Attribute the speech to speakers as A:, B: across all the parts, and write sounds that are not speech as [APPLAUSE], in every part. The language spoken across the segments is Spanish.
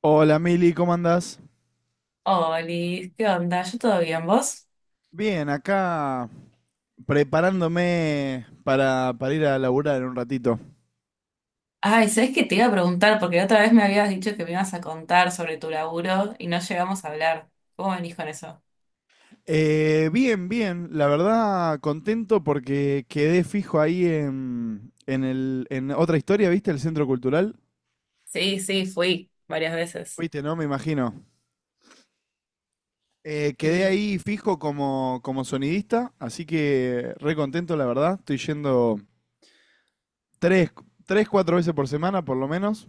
A: Hola Mili, ¿cómo andás?
B: Oli, ¿qué onda? ¿Yo todo bien, vos?
A: Bien, acá preparándome para ir a laburar en un ratito.
B: Ay, ¿sabés qué te iba a preguntar? Porque la otra vez me habías dicho que me ibas a contar sobre tu laburo y no llegamos a hablar. ¿Cómo venís con eso?
A: Bien, bien, la verdad contento porque quedé fijo ahí en otra historia, ¿viste? El Centro Cultural.
B: Sí, sí, fui varias veces.
A: Fuiste, ¿no? Me imagino. Quedé
B: Y
A: ahí fijo como sonidista, así que re contento, la verdad. Estoy yendo tres, tres, cuatro veces por semana, por lo menos.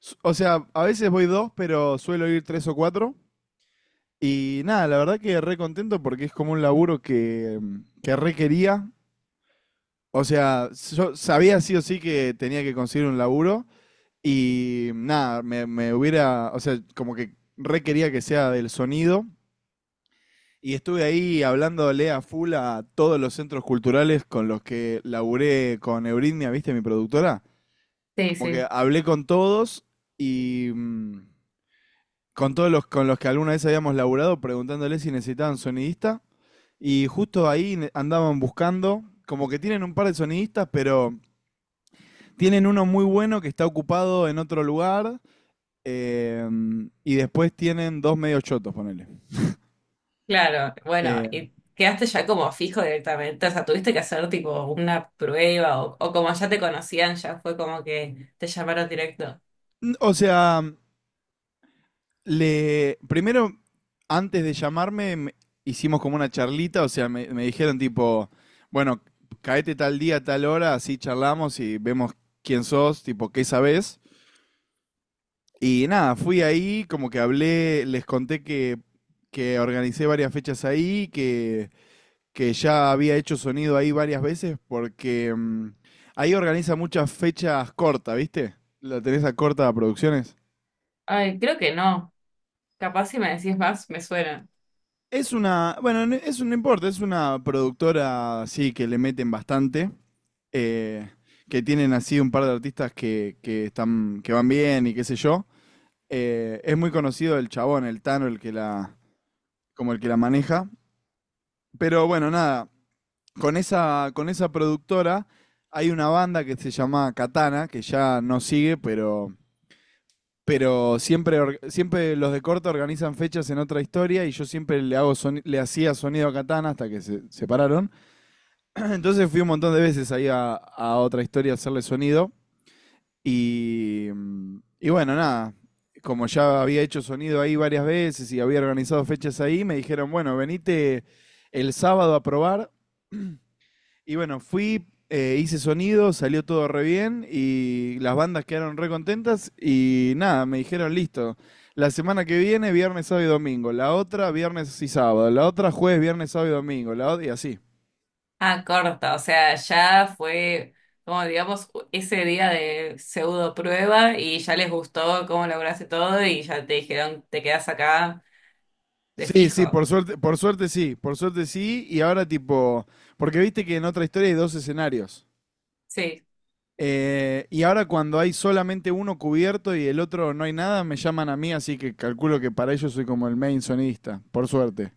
A: O sea, a veces voy dos, pero suelo ir tres o cuatro. Y nada, la verdad que re contento porque es como un laburo que re quería. O sea, yo sabía sí o sí que tenía que conseguir un laburo y nada, me hubiera, o sea, como que re quería que sea del sonido. Y estuve ahí hablándole a full a todos los centros culturales con los que laburé con Euridnia, ¿viste? Mi productora.
B: sí,
A: Como que
B: sí.
A: hablé con todos y con todos los con los que alguna vez habíamos laburado preguntándoles si necesitaban sonidista. Y justo ahí andaban buscando, como que tienen un par de sonidistas, pero tienen uno muy bueno que está ocupado en otro lugar. eh, y después tienen dos medios chotos, ponele.
B: Claro, bueno,
A: Eh,
B: ¿y quedaste ya como fijo directamente? O sea, ¿tuviste que hacer tipo una prueba o como ya te conocían, ya fue como que te llamaron directo?
A: o sea, primero, antes de llamarme, hicimos como una charlita, o sea, me dijeron tipo, bueno, caete tal día, tal hora, así charlamos y vemos quién sos, tipo, qué sabés. Y nada, fui ahí, como que hablé, les conté que organicé varias fechas ahí, que ya había hecho sonido ahí varias veces, porque ahí organiza muchas fechas cortas, ¿viste? La tenés a Corta Producciones.
B: Ay, creo que no. Capaz si me decís más, me suena.
A: Es una, bueno, es un, no importa, es una productora, sí, que le meten bastante, eh, que tienen así un par de artistas que están, que van bien y qué sé yo. Es muy conocido el chabón, el Tano, el que la, como el que la maneja. Pero bueno, nada, con esa productora hay una banda que se llama Katana, que ya no sigue, pero siempre, siempre los de corta organizan fechas en otra historia y yo siempre le, le hacía sonido a Katana hasta que se separaron. [CLEARS THROAT] Entonces fui un montón de veces ahí a otra historia a hacerle sonido y, y bueno, nada. Como ya había hecho sonido ahí varias veces y había organizado fechas ahí, me dijeron, bueno, venite el sábado a probar. Y bueno, fui, hice sonido, salió todo re bien y las bandas quedaron re contentas y nada, me dijeron listo. La semana que viene, viernes, sábado y domingo. La otra, viernes y sábado. La otra, jueves, viernes, sábado y domingo. La otra, y así.
B: Ah, corta, o sea, ya fue como digamos ese día de pseudo prueba y ya les gustó cómo lograste todo y ya te dijeron te quedas acá de
A: Sí, sí,
B: fijo.
A: por suerte sí, por suerte sí. Y ahora tipo, porque viste que en otra historia hay dos escenarios.
B: Sí,
A: Y ahora cuando hay solamente uno cubierto y el otro no hay nada, me llaman a mí, así que calculo que para ellos soy como el main sonidista, por suerte.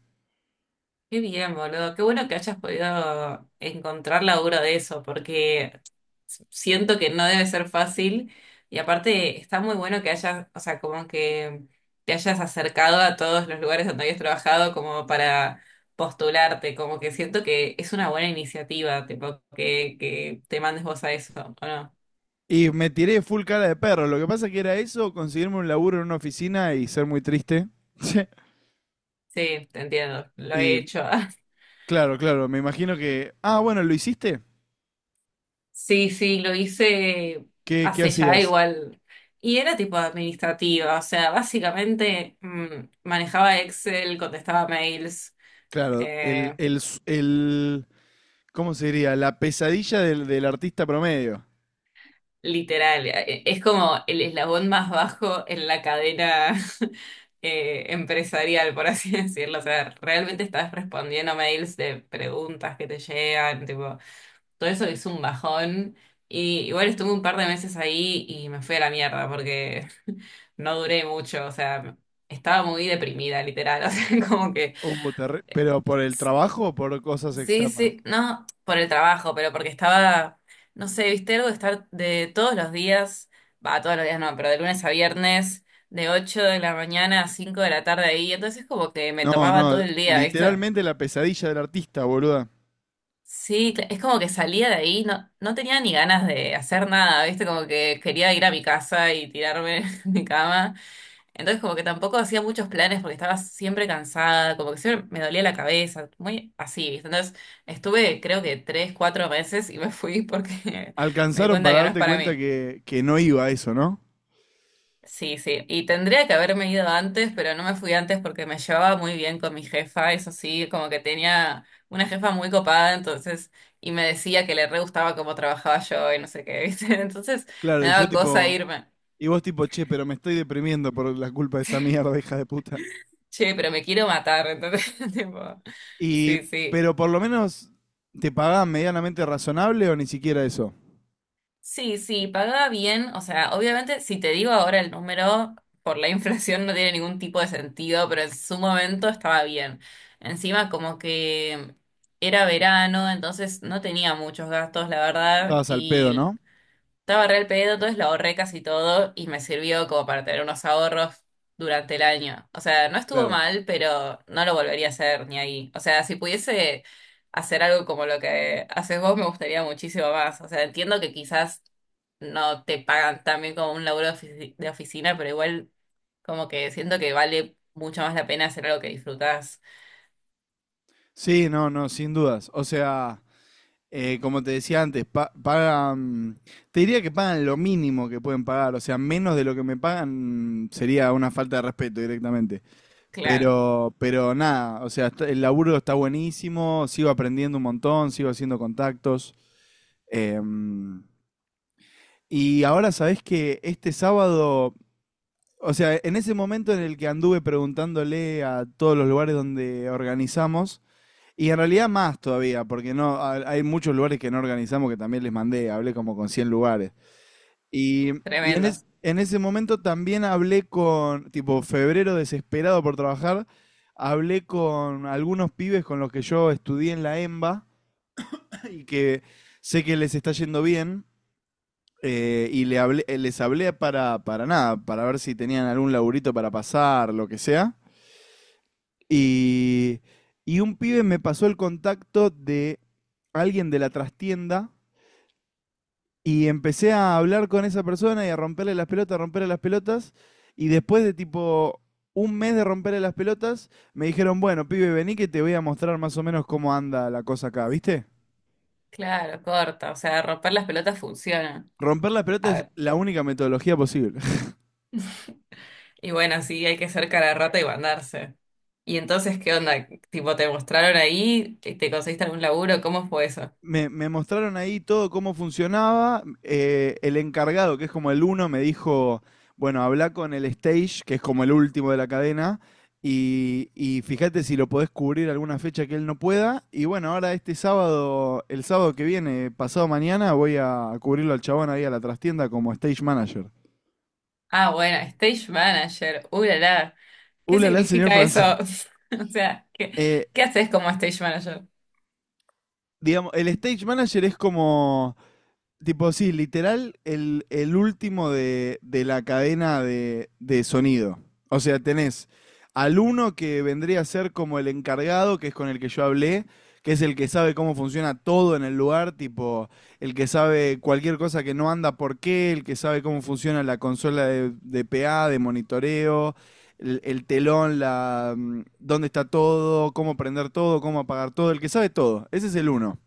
B: qué bien, boludo, qué bueno que hayas podido encontrar laburo de eso, porque siento que no debe ser fácil y aparte está muy bueno que hayas, o sea, como que te hayas acercado a todos los lugares donde habías trabajado como para postularte, como que siento que es una buena iniciativa, tipo, que te mandes vos a eso, ¿o no?
A: Y me tiré full cara de perro. Lo que pasa que era eso, conseguirme un laburo en una oficina y ser muy triste. [LAUGHS]
B: Sí, te entiendo, lo
A: Y
B: he hecho. [LAUGHS]
A: claro, claro, me imagino que... Ah, bueno, ¿lo hiciste?
B: Sí, sí, lo hice
A: Qué
B: hace ya
A: hacías?
B: igual. Y era tipo administrativa, o sea, básicamente manejaba Excel, contestaba mails.
A: Claro,
B: eh,
A: el... ¿Cómo se diría? La pesadilla del artista promedio.
B: Literal, es como el eslabón más bajo en la cadena [LAUGHS] empresarial, por así [LAUGHS] decirlo. O sea, realmente estás respondiendo mails de preguntas que te llegan, tipo, todo eso es un bajón. Y igual estuve un par de meses ahí y me fui a la mierda porque [LAUGHS] no duré mucho, o sea, estaba muy deprimida, literal. [LAUGHS] O sea, como que
A: Oh, ¿Pero por el trabajo o por cosas
B: sí,
A: externas?
B: sí, no por el trabajo, pero porque estaba, no sé, viste algo de estar de todos los días, va, todos los días no, pero de lunes a viernes, de 8 de la mañana a 5 de la tarde ahí, entonces como que me
A: No,
B: tomaba todo
A: no,
B: el día, ¿viste?
A: literalmente la pesadilla del artista, boluda.
B: Sí, cl- es como que salía de ahí, no, no tenía ni ganas de hacer nada, ¿viste? Como que quería ir a mi casa y tirarme [LAUGHS] en mi cama. Entonces como que tampoco hacía muchos planes porque estaba siempre cansada, como que siempre me dolía la cabeza, muy así, ¿viste? Entonces estuve creo que tres, cuatro meses y me fui porque [LAUGHS] me di
A: Alcanzaron
B: cuenta
A: para
B: que no es
A: darte
B: para
A: cuenta
B: mí.
A: que no iba a eso, ¿no?
B: Sí, sí, y tendría que haberme ido antes, pero no me fui antes porque me llevaba muy bien con mi jefa, eso sí, como que tenía una jefa muy copada, entonces, y me decía que le re gustaba cómo trabajaba yo y no sé qué, ¿viste? [LAUGHS] Entonces
A: Claro,
B: me
A: y yo
B: daba cosa
A: tipo...
B: irme,
A: Y vos tipo, che, pero me estoy deprimiendo por la culpa de esta mierda, hija de puta.
B: che, pero me quiero matar, entonces, [LAUGHS] tipo,
A: Y,
B: sí, sí.
A: pero por lo menos te pagaban medianamente razonable o ni siquiera eso.
B: Sí, sí, pagaba bien. O sea, obviamente, si te digo ahora el número, por la [LAUGHS] inflación no tiene ningún tipo de sentido, pero en su momento estaba bien. Encima, como que era verano, entonces no tenía muchos gastos, la verdad,
A: Estabas al pedo,
B: y
A: ¿no?
B: estaba re al pedo, entonces lo ahorré casi todo y me sirvió como para tener unos ahorros durante el año. O sea, no estuvo
A: Claro.
B: mal, pero no lo volvería a hacer ni ahí. O sea, si pudiese hacer algo como lo que haces vos, me gustaría muchísimo más. O sea, entiendo que quizás no te pagan tan bien como un laburo de ofici- de oficina, pero igual como que siento que vale mucho más la pena hacer algo que disfrutás.
A: Sí, no, no, sin dudas. O sea, como te decía antes, pagan, te diría que pagan lo mínimo que pueden pagar. O sea, menos de lo que me pagan sería una falta de respeto directamente.
B: Claro,
A: Pero nada, o sea, el laburo está buenísimo, sigo aprendiendo un montón, sigo haciendo contactos. Em, Y ahora sabés que este sábado, o sea, en ese momento en el que anduve preguntándole a todos los lugares donde organizamos, y en realidad más todavía, porque no ha- hay muchos lugares que no organizamos que también les mandé, hablé como con 100 lugares. Y,
B: tremendo.
A: en ese momento también hablé con, tipo, febrero desesperado por trabajar, hablé con algunos pibes con los que yo estudié en la EMBA [CLEARS THROAT] y que sé que les está yendo bien. Les hablé para nada, para ver si tenían algún laburito para pasar, lo que sea. Y, y un pibe me pasó el contacto de alguien de la trastienda y empecé a hablar con esa persona y a romperle las pelotas, romperle las pelotas. Y después de tipo un mes de romperle las pelotas, me dijeron, bueno, pibe, vení que te voy a mostrar más o menos cómo anda la cosa acá, ¿viste?
B: Claro, corta. O sea, romper las pelotas funciona.
A: Romper las pelotas es la única metodología posible.
B: Y bueno, sí, hay que ser cara de rata y mandarse. Y entonces, ¿qué onda? Tipo, ¿te mostraron ahí? ¿Te conseguiste algún laburo? ¿Cómo fue eso?
A: Me mostraron ahí todo cómo funcionaba. El encargado, que es como el uno, me dijo, bueno, habla con el stage, que es como el último de la cadena, y fíjate si lo podés cubrir alguna fecha que él no pueda. Y bueno, ahora este sábado, el sábado que viene, pasado mañana, voy a cubrirlo al chabón ahí a la trastienda como stage manager.
B: Ah, bueno, stage manager. La, la. ¿Qué
A: Ulala, señor
B: significa eso?
A: francés.
B: [LAUGHS] O sea, ¿qué,
A: Eh,
B: qué haces como stage manager?
A: digamos, el stage manager es como... Tipo, sí, literal, el último de la cadena de sonido. O sea, tenés al uno que vendría a ser como el encargado, que es con el que yo hablé, que es el que sabe cómo funciona todo en el lugar, tipo, el que sabe cualquier cosa que no anda por qué, el que sabe cómo funciona la consola de PA, de monitoreo, el telón, la, dónde está todo, cómo prender todo, cómo apagar todo, el que sabe todo. Ese es el uno.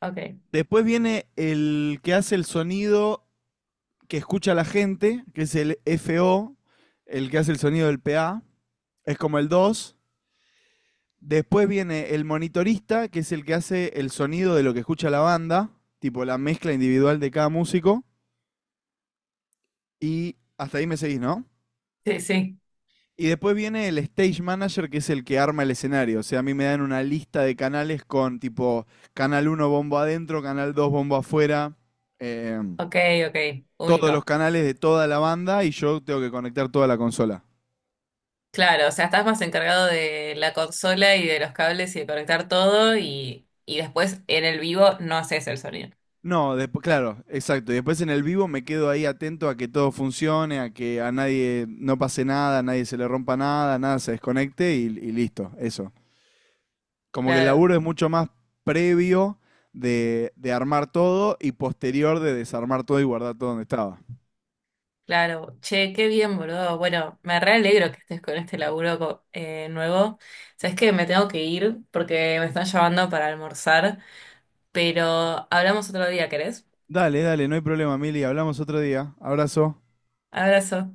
B: Ok.
A: Después viene el que hace el sonido que escucha la gente, que es el FO, el que hace el sonido del PA. Es como el dos. Después viene el monitorista, que es el que hace el sonido de lo que escucha la banda, tipo la mezcla individual de cada músico. Y hasta ahí me seguís, ¿no?
B: Sí, sí.
A: Y después viene el stage manager, que es el que arma el escenario. O sea, a mí me dan una lista de canales con tipo canal uno bombo adentro, canal 2 bombo afuera. em,
B: Ok, ok.
A: Todos los
B: Único.
A: canales de toda la banda y yo tengo que conectar toda la consola.
B: Claro, o sea, estás más encargado de la consola y de los cables y de conectar todo y después en el vivo no haces el sonido.
A: No, después, claro, exacto. Y después en el vivo me quedo ahí atento a que todo funcione, a que a nadie no pase nada, a nadie se le rompa nada, nada se desconecte y listo, eso. Como que el laburo
B: Claro,
A: es mucho más previo de armar todo y posterior de desarmar todo y guardar todo donde estaba.
B: claro, che, qué bien, boludo. Bueno, me re alegro que estés con este laburo co- nuevo. Sabes que me tengo que ir porque me están llamando para almorzar, pero hablamos otro día, ¿querés?
A: Dale, dale, no hay problema, Mili, hablamos otro día. Abrazo.
B: Abrazo.